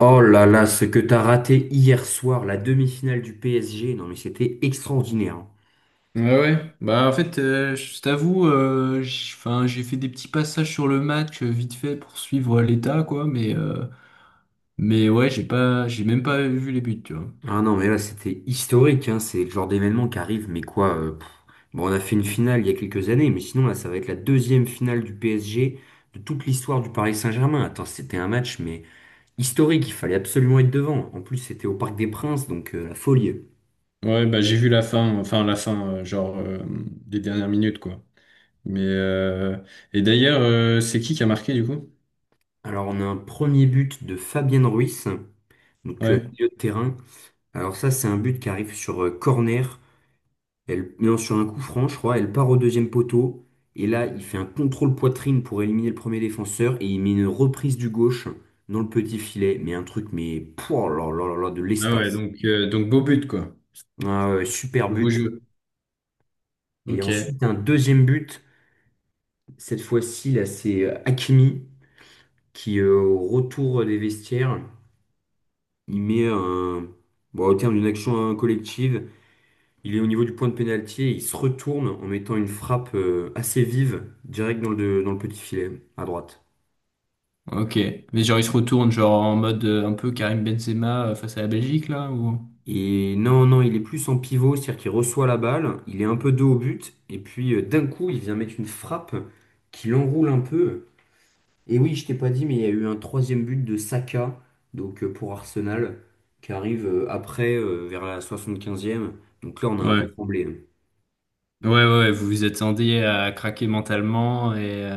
Oh là là, ce que t'as raté hier soir, la demi-finale du PSG, non mais c'était extraordinaire, hein. Ouais, ouais. Je t'avoue, j'ai fait des petits passages sur le match vite fait pour suivre l'état, quoi. Mais ouais, j'ai pas, j'ai même pas vu les buts, tu vois. Ah non mais là c'était historique, hein. C'est le genre d'événement qui arrive, mais quoi pff. Bon, on a fait une finale il y a quelques années, mais sinon là ça va être la deuxième finale du PSG de toute l'histoire du Paris Saint-Germain. Attends, c'était un match mais historique, il fallait absolument être devant. En plus c'était au Parc des Princes, donc la folie. Ouais, bah j'ai vu la fin, les dernières minutes quoi. Mais euh, c'est qui a marqué du coup? Alors on a un premier but de Fabien Ruiz, donc Ouais. milieu de terrain. Alors ça c'est un but qui arrive sur corner. Elle lance sur un coup franc, je crois, elle part au deuxième poteau. Et là, il fait un contrôle poitrine pour éliminer le premier défenseur. Et il met une reprise du gauche dans le petit filet. Mais un truc, mais pouah, oh là, là, là, là, de Ah ouais, l'espace. donc beau but quoi. Ah ouais, super Nouveau but. jeu. Et Ok. ensuite, un deuxième but. Cette fois-ci, là, c'est Hakimi qui, au retour des vestiaires, il met un. Bon, au terme d'une action collective, il est au niveau du point de pénalty et il se retourne en mettant une frappe assez vive, direct dans le petit filet, à droite. Ok. Mais genre, il se retourne, genre, en mode un peu Karim Benzema face à la Belgique, là, ou... Et non, non, il est plus en pivot, c'est-à-dire qu'il reçoit la balle, il est un peu dos au but, et puis d'un coup, il vient mettre une frappe qui l'enroule un peu. Et oui, je t'ai pas dit, mais il y a eu un troisième but de Saka, donc pour Arsenal, qui arrive après, vers la 75e. Donc là, on a un peu Ouais. tremblé, hein. Ouais, ouais, ouais, vous vous attendiez à craquer mentalement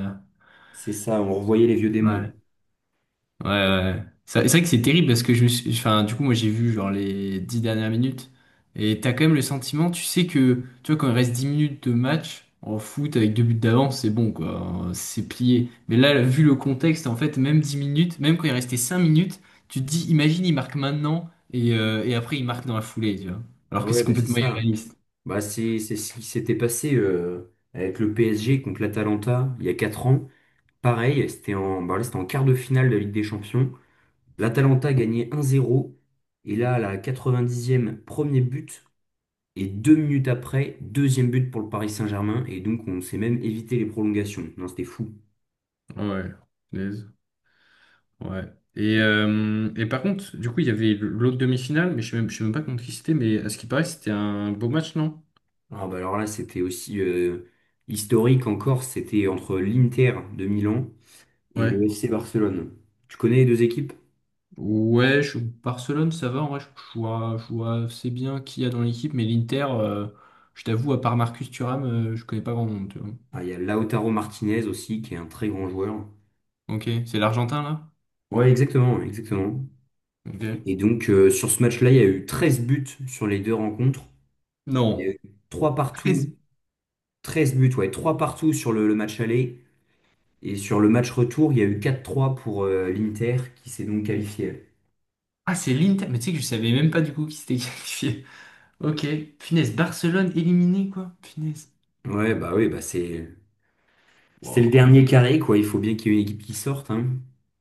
C'est ça, on revoyait les vieux démons. ouais, ouais, ouais. C'est vrai que c'est terrible parce que je me suis, enfin, du coup, moi j'ai vu genre les dix dernières minutes et t'as quand même le sentiment, tu sais que, tu vois, quand il reste dix minutes de match en foot avec deux buts d'avance, c'est bon quoi, hein, c'est plié. Mais là, vu le contexte, en fait, même dix minutes, même quand il restait cinq minutes, tu te dis, imagine, il marque maintenant et après il marque dans la foulée, tu vois. Alors que Ouais, c'est bah c'est complètement ça. irréaliste. Bah, c'est ce qui s'était passé avec le PSG contre l'Atalanta il y a 4 ans. Pareil, c'était c'était en quart de finale de la Ligue des Champions. L'Atalanta gagnait 1-0. Et là, à la 90e, premier but. Et deux minutes après, deuxième but pour le Paris Saint-Germain. Et donc, on s'est même évité les prolongations. Non, c'était fou. Ouais. Ouais. Et par contre, du coup, il y avait l'autre demi-finale, mais je sais même pas contre qui c'était, mais à ce qui paraît, c'était un beau match, non? Ah, bah, alors là, c'était aussi historique encore. C'était entre l'Inter de Milan et Ouais. le FC Barcelone. Tu connais les deux équipes? Ouais, je- Barcelone, ça va, en vrai, je vois assez bien qui y a dans l'équipe, mais l'Inter, je t'avoue, à part Marcus Thuram, je connais pas grand monde, tu vois. Ah, il y a Lautaro Martinez aussi, qui est un très grand joueur. Ok, c'est l'Argentin, là? Ouais, exactement, exactement. Ok. Et donc, sur ce match-là, il y a eu 13 buts sur les deux rencontres. Il y a Non. eu 3 partout, Treize- 13 buts, ouais, 3 partout sur le match aller. Et sur le match retour, il y a eu quatre trois pour l'Inter, qui s'est donc qualifié. Ah, c'est l'Inter, mais tu sais que je savais même pas du coup qui s'était qualifié. Ok, finesse, Barcelone éliminé, quoi. Finesse. Ouais, bah oui, bah c'est le Wow. dernier carré, quoi. Il faut bien qu'il y ait une équipe qui sorte, hein.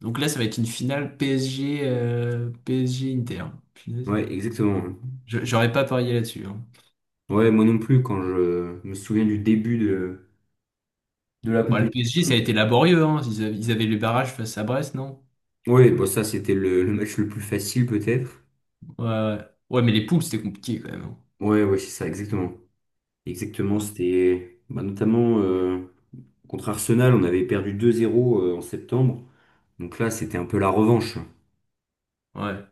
Donc là, ça va être une finale PSG, PSG Inter. Punaise. Ouais, exactement. J'aurais pas parié là-dessus, hein. Ouais, moi non plus, quand je me souviens de la Bon, le PSG, ça a compétition. été laborieux, hein. Ils avaient les barrages face à Brest, non? Oui, bon, ça, c'était le match le plus facile, peut-être. Ouais, ouais. Ouais, mais les poules, c'était compliqué quand même, hein. Ouais, ouais, c'est ça, exactement. Exactement, c'était bah, notamment contre Arsenal, on avait perdu 2-0 en septembre. Donc là, c'était un peu la revanche. Ouais. Ouais.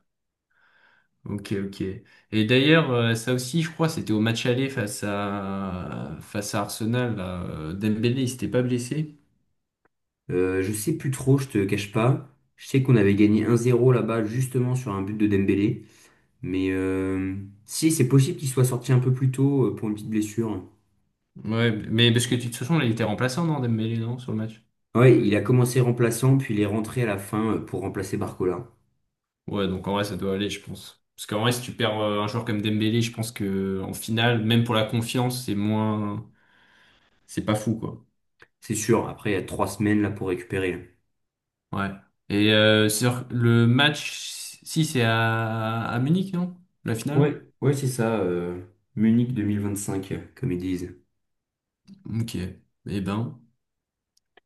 Ok, ok. Et d'ailleurs, ça aussi, je crois, c'était au match aller face à Arsenal là. Dembélé, il s'était pas blessé. Je sais plus trop, je te cache pas. Je sais qu'on avait gagné 1-0 là-bas, justement sur un but de Dembélé. Mais euh, Si, c'est possible qu'il soit sorti un peu plus tôt pour une petite blessure. Ouais, mais parce que de toute façon, là, il était remplaçant, non, Dembélé, non, sur le match? Ouais, il a commencé remplaçant, puis il est rentré à la fin pour remplacer Barcola. Ouais, donc en vrai, ça doit aller, je pense. Parce qu'en vrai, si tu perds un joueur comme Dembélé, je pense que en finale, même pour la confiance, c'est moins, c'est pas fou, quoi. C'est sûr, après, il y a trois semaines là pour récupérer. Ouais. Sur le match, si c'est à Munich, non? La finale? Ouais, ouais, c'est ça, Munich cinq comme ils disent. Ok. Eh ben.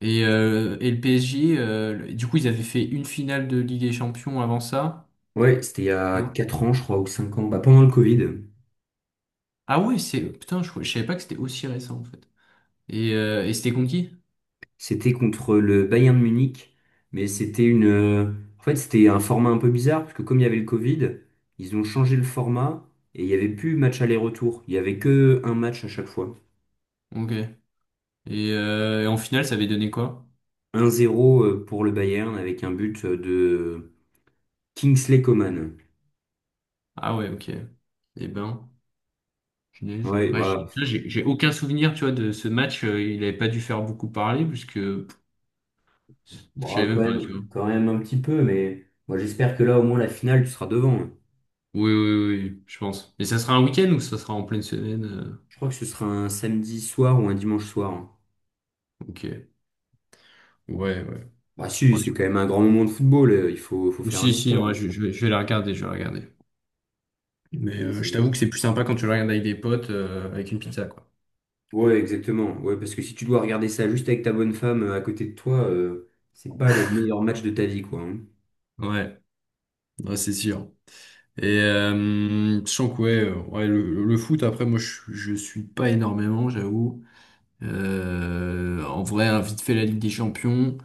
Et le PSG, du coup, ils avaient fait une finale de Ligue des Champions avant ça. Ouais, c'était il y a Non? 4 ans, je crois, ou 5 ans, bah, pendant le Covid. Ah ouais, c'est. Putain, je savais pas que c'était aussi récent, en fait. Et c'était conquis? C'était contre le Bayern de Munich, mais c'était une... En fait, c'était un format un peu bizarre, parce que comme il y avait le Covid, ils ont changé le format, et il n'y avait plus match aller-retour. Il n'y avait que un match à chaque fois. Ok. Et en finale, ça avait donné quoi? Un zéro pour le Bayern, avec un but de Kingsley Coman. Ah ouais, ok. Eh ben, punaise. Ouais, Ouais, bah, j'ai aucun souvenir, tu vois, de ce match. Il n'avait pas dû faire beaucoup parler, puisque je bon, savais même pas, tu vois. Quand même un petit peu, mais moi j'espère que là, au moins, la finale, tu seras devant, hein. Oui, oui, oui, oui, je pense. Mais ça sera un week-end ou ça sera en pleine semaine? Je crois que ce sera un samedi soir ou un dimanche soir, hein. Ok. Ouais, ouais. Bah si, Ouais, c'est quand je- même un grand moment de football, il faut, faut Ou faire un si, si, ouais, effort. Je vais la regarder, Mais C'est- je c'est- t'avoue que c'est plus sympa quand tu le regardes avec des potes, avec une pizza, quoi. Ouais, exactement. Ouais, parce que si tu dois regarder ça juste avec ta bonne femme à côté de toi, c'est pas le meilleur match de ta vie, quoi, hein. Ouais, ouais, c'est sûr. Je sens que ouais, ouais, le foot, après, moi, je suis pas énormément, j'avoue. En vrai, hein, vite fait la Ligue des Champions,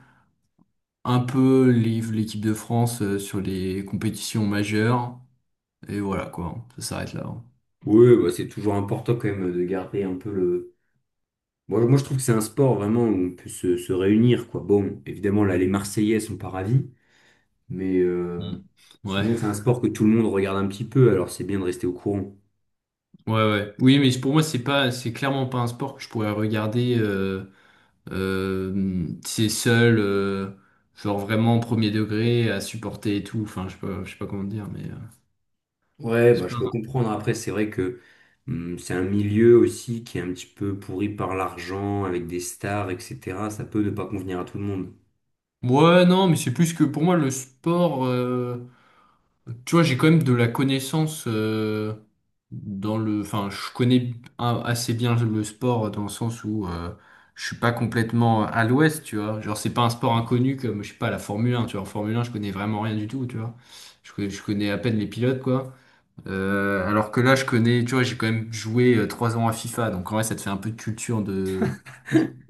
l'équipe de France sur les compétitions majeures, et voilà quoi, ça s'arrête là, hein. Ouais, bah, c'est toujours important quand même de garder un peu le... Moi, moi je trouve que c'est un sport vraiment où on peut se réunir, quoi. Bon, évidemment, là, les Marseillais sont pas ravis, mais euh, Mm. Ouais, sinon, c'est un sport que tout le monde regarde un petit peu, alors c'est bien de rester au courant. ouais, ouais. Oui, mais pour moi, c'est pas, c'est clairement pas un sport que je pourrais regarder. C'est seul, genre vraiment premier degré à supporter et tout. Enfin, je sais pas comment dire, mais Ouais, bah, c'est je pas. peux comprendre. Après, c'est vrai que c'est un milieu aussi qui est un petit peu pourri par l'argent, avec des stars, etc. Ça peut ne pas convenir à tout le monde. Ouais, non, mais c'est plus que pour moi le sport. Tu vois, j'ai quand même de la connaissance dans le. Enfin, assez bien le sport dans le sens où je suis pas complètement à l'ouest, tu vois. Genre, c'est pas un sport inconnu comme, je sais pas, la Formule 1, tu vois. En Formule 1, je connais vraiment rien du tout, tu vois. Je connais à peine les pilotes, quoi. Alors que là, je connais, tu vois, j'ai quand même joué trois ans à FIFA, donc en vrai, ça te fait un peu de culture de.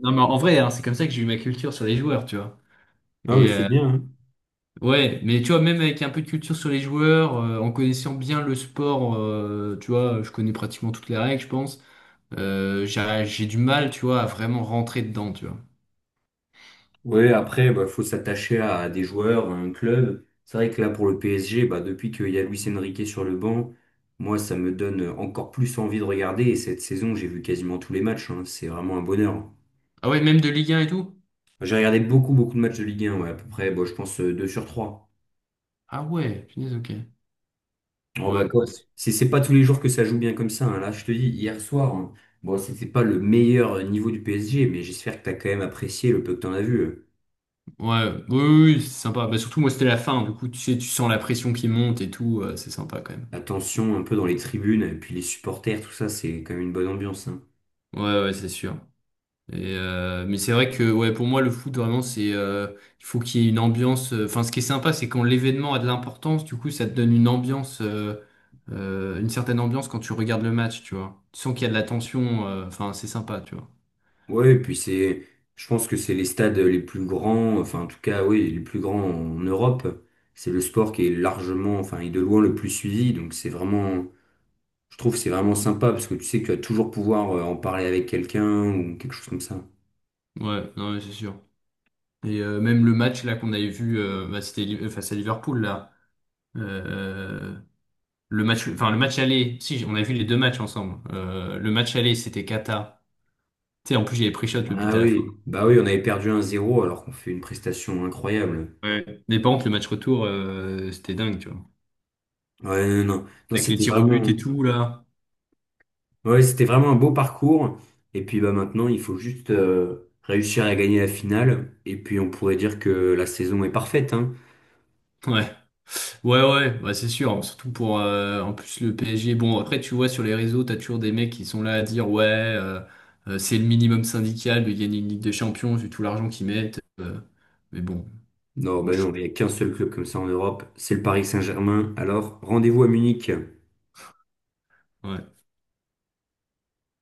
Non, mais en vrai, hein, c'est comme ça que j'ai eu ma culture sur les joueurs, tu vois. Ah oui, Et, c'est euh, bien, hein. Ouais, mais tu vois, même avec un peu de culture sur les joueurs, en connaissant bien le sport, tu vois, je connais pratiquement toutes les règles, je pense. J'ai du mal, tu vois, à vraiment rentrer dedans, tu vois. Ouais, après, bah, faut s'attacher à des joueurs, à un club. C'est vrai que là, pour le PSG, bah, depuis qu'il y a Luis Enrique sur le banc, moi, ça me donne encore plus envie de regarder. Et cette saison, j'ai vu quasiment tous les matchs, hein. C'est vraiment un bonheur. Ah ouais, même de Ligue 1 et tout? J'ai regardé beaucoup, beaucoup de matchs de Ligue 1, ouais, à peu près, bon, je pense, 2 sur 3. Ah ouais, punaise, ok. Oh Ouais, bah bah, quoi. c'est- C'est pas tous les jours que ça joue bien comme ça, hein. Là, je te dis, hier soir, hein, bon, c'était pas le meilleur niveau du PSG, mais j'espère que t'as quand même apprécié le peu que t'en as vu. ouais, oui, oui, oui, c'est sympa. Bah, surtout, moi, c'était la fin, du coup, tu sais, tu sens la pression qui monte et tout, c'est sympa quand même. La tension un peu dans les tribunes, et puis les supporters, tout ça, c'est quand même une bonne ambiance, hein. Ouais, ouais, c'est sûr. Mais c'est vrai que ouais, pour moi, le foot, vraiment, il faut qu'il y ait une ambiance. Enfin, ce qui est sympa, c'est quand l'événement a de l'importance, du coup, ça te donne une ambiance, une certaine ambiance quand tu regardes le match, tu vois. Tu sens qu'il y a de la tension, enfin, c'est sympa, tu vois. Ouais, et puis je pense que c'est les stades les plus grands, enfin en tout cas, oui, les plus grands en Europe. C'est le sport qui est largement, enfin, et de loin le plus suivi, donc c'est vraiment, je trouve que c'est vraiment sympa parce que tu sais que tu vas toujours pouvoir en parler avec quelqu'un ou quelque chose comme ça. Ouais, non, mais c'est sûr. Même le match là qu'on avait vu, c'était face à Liverpool, là. Euh, le match aller, si, on a vu les deux matchs ensemble. Le match aller, c'était Kata. Tu sais, en plus, j'avais pris shot le but Ah à la fin. oui, bah oui, on avait perdu 1-0 alors qu'on fait une prestation incroyable. Ouais. Mais par contre, le match retour, c'était dingue, tu vois. Ouais, non, non, non, Avec les c'était tirs au vraiment, but et tout, là. ouais, c'était vraiment un beau parcours. Et puis bah maintenant, il faut juste réussir à gagner la finale. Et puis on pourrait dire que la saison est parfaite, hein. Ouais, ouais, ouais, bah, c'est sûr. Surtout pour, en plus, le PSG. Bon, après, tu vois, sur les réseaux, t'as toujours des mecs qui sont là à dire, ouais, c'est le minimum syndical de gagner une Ligue des Champions, vu tout l'argent qu'ils mettent. Mais bon, Non, moi, bah je non, trouve. il n'y a qu'un seul club comme ça en Europe, c'est le Paris Saint-Germain. Alors rendez-vous à Munich. Ouais.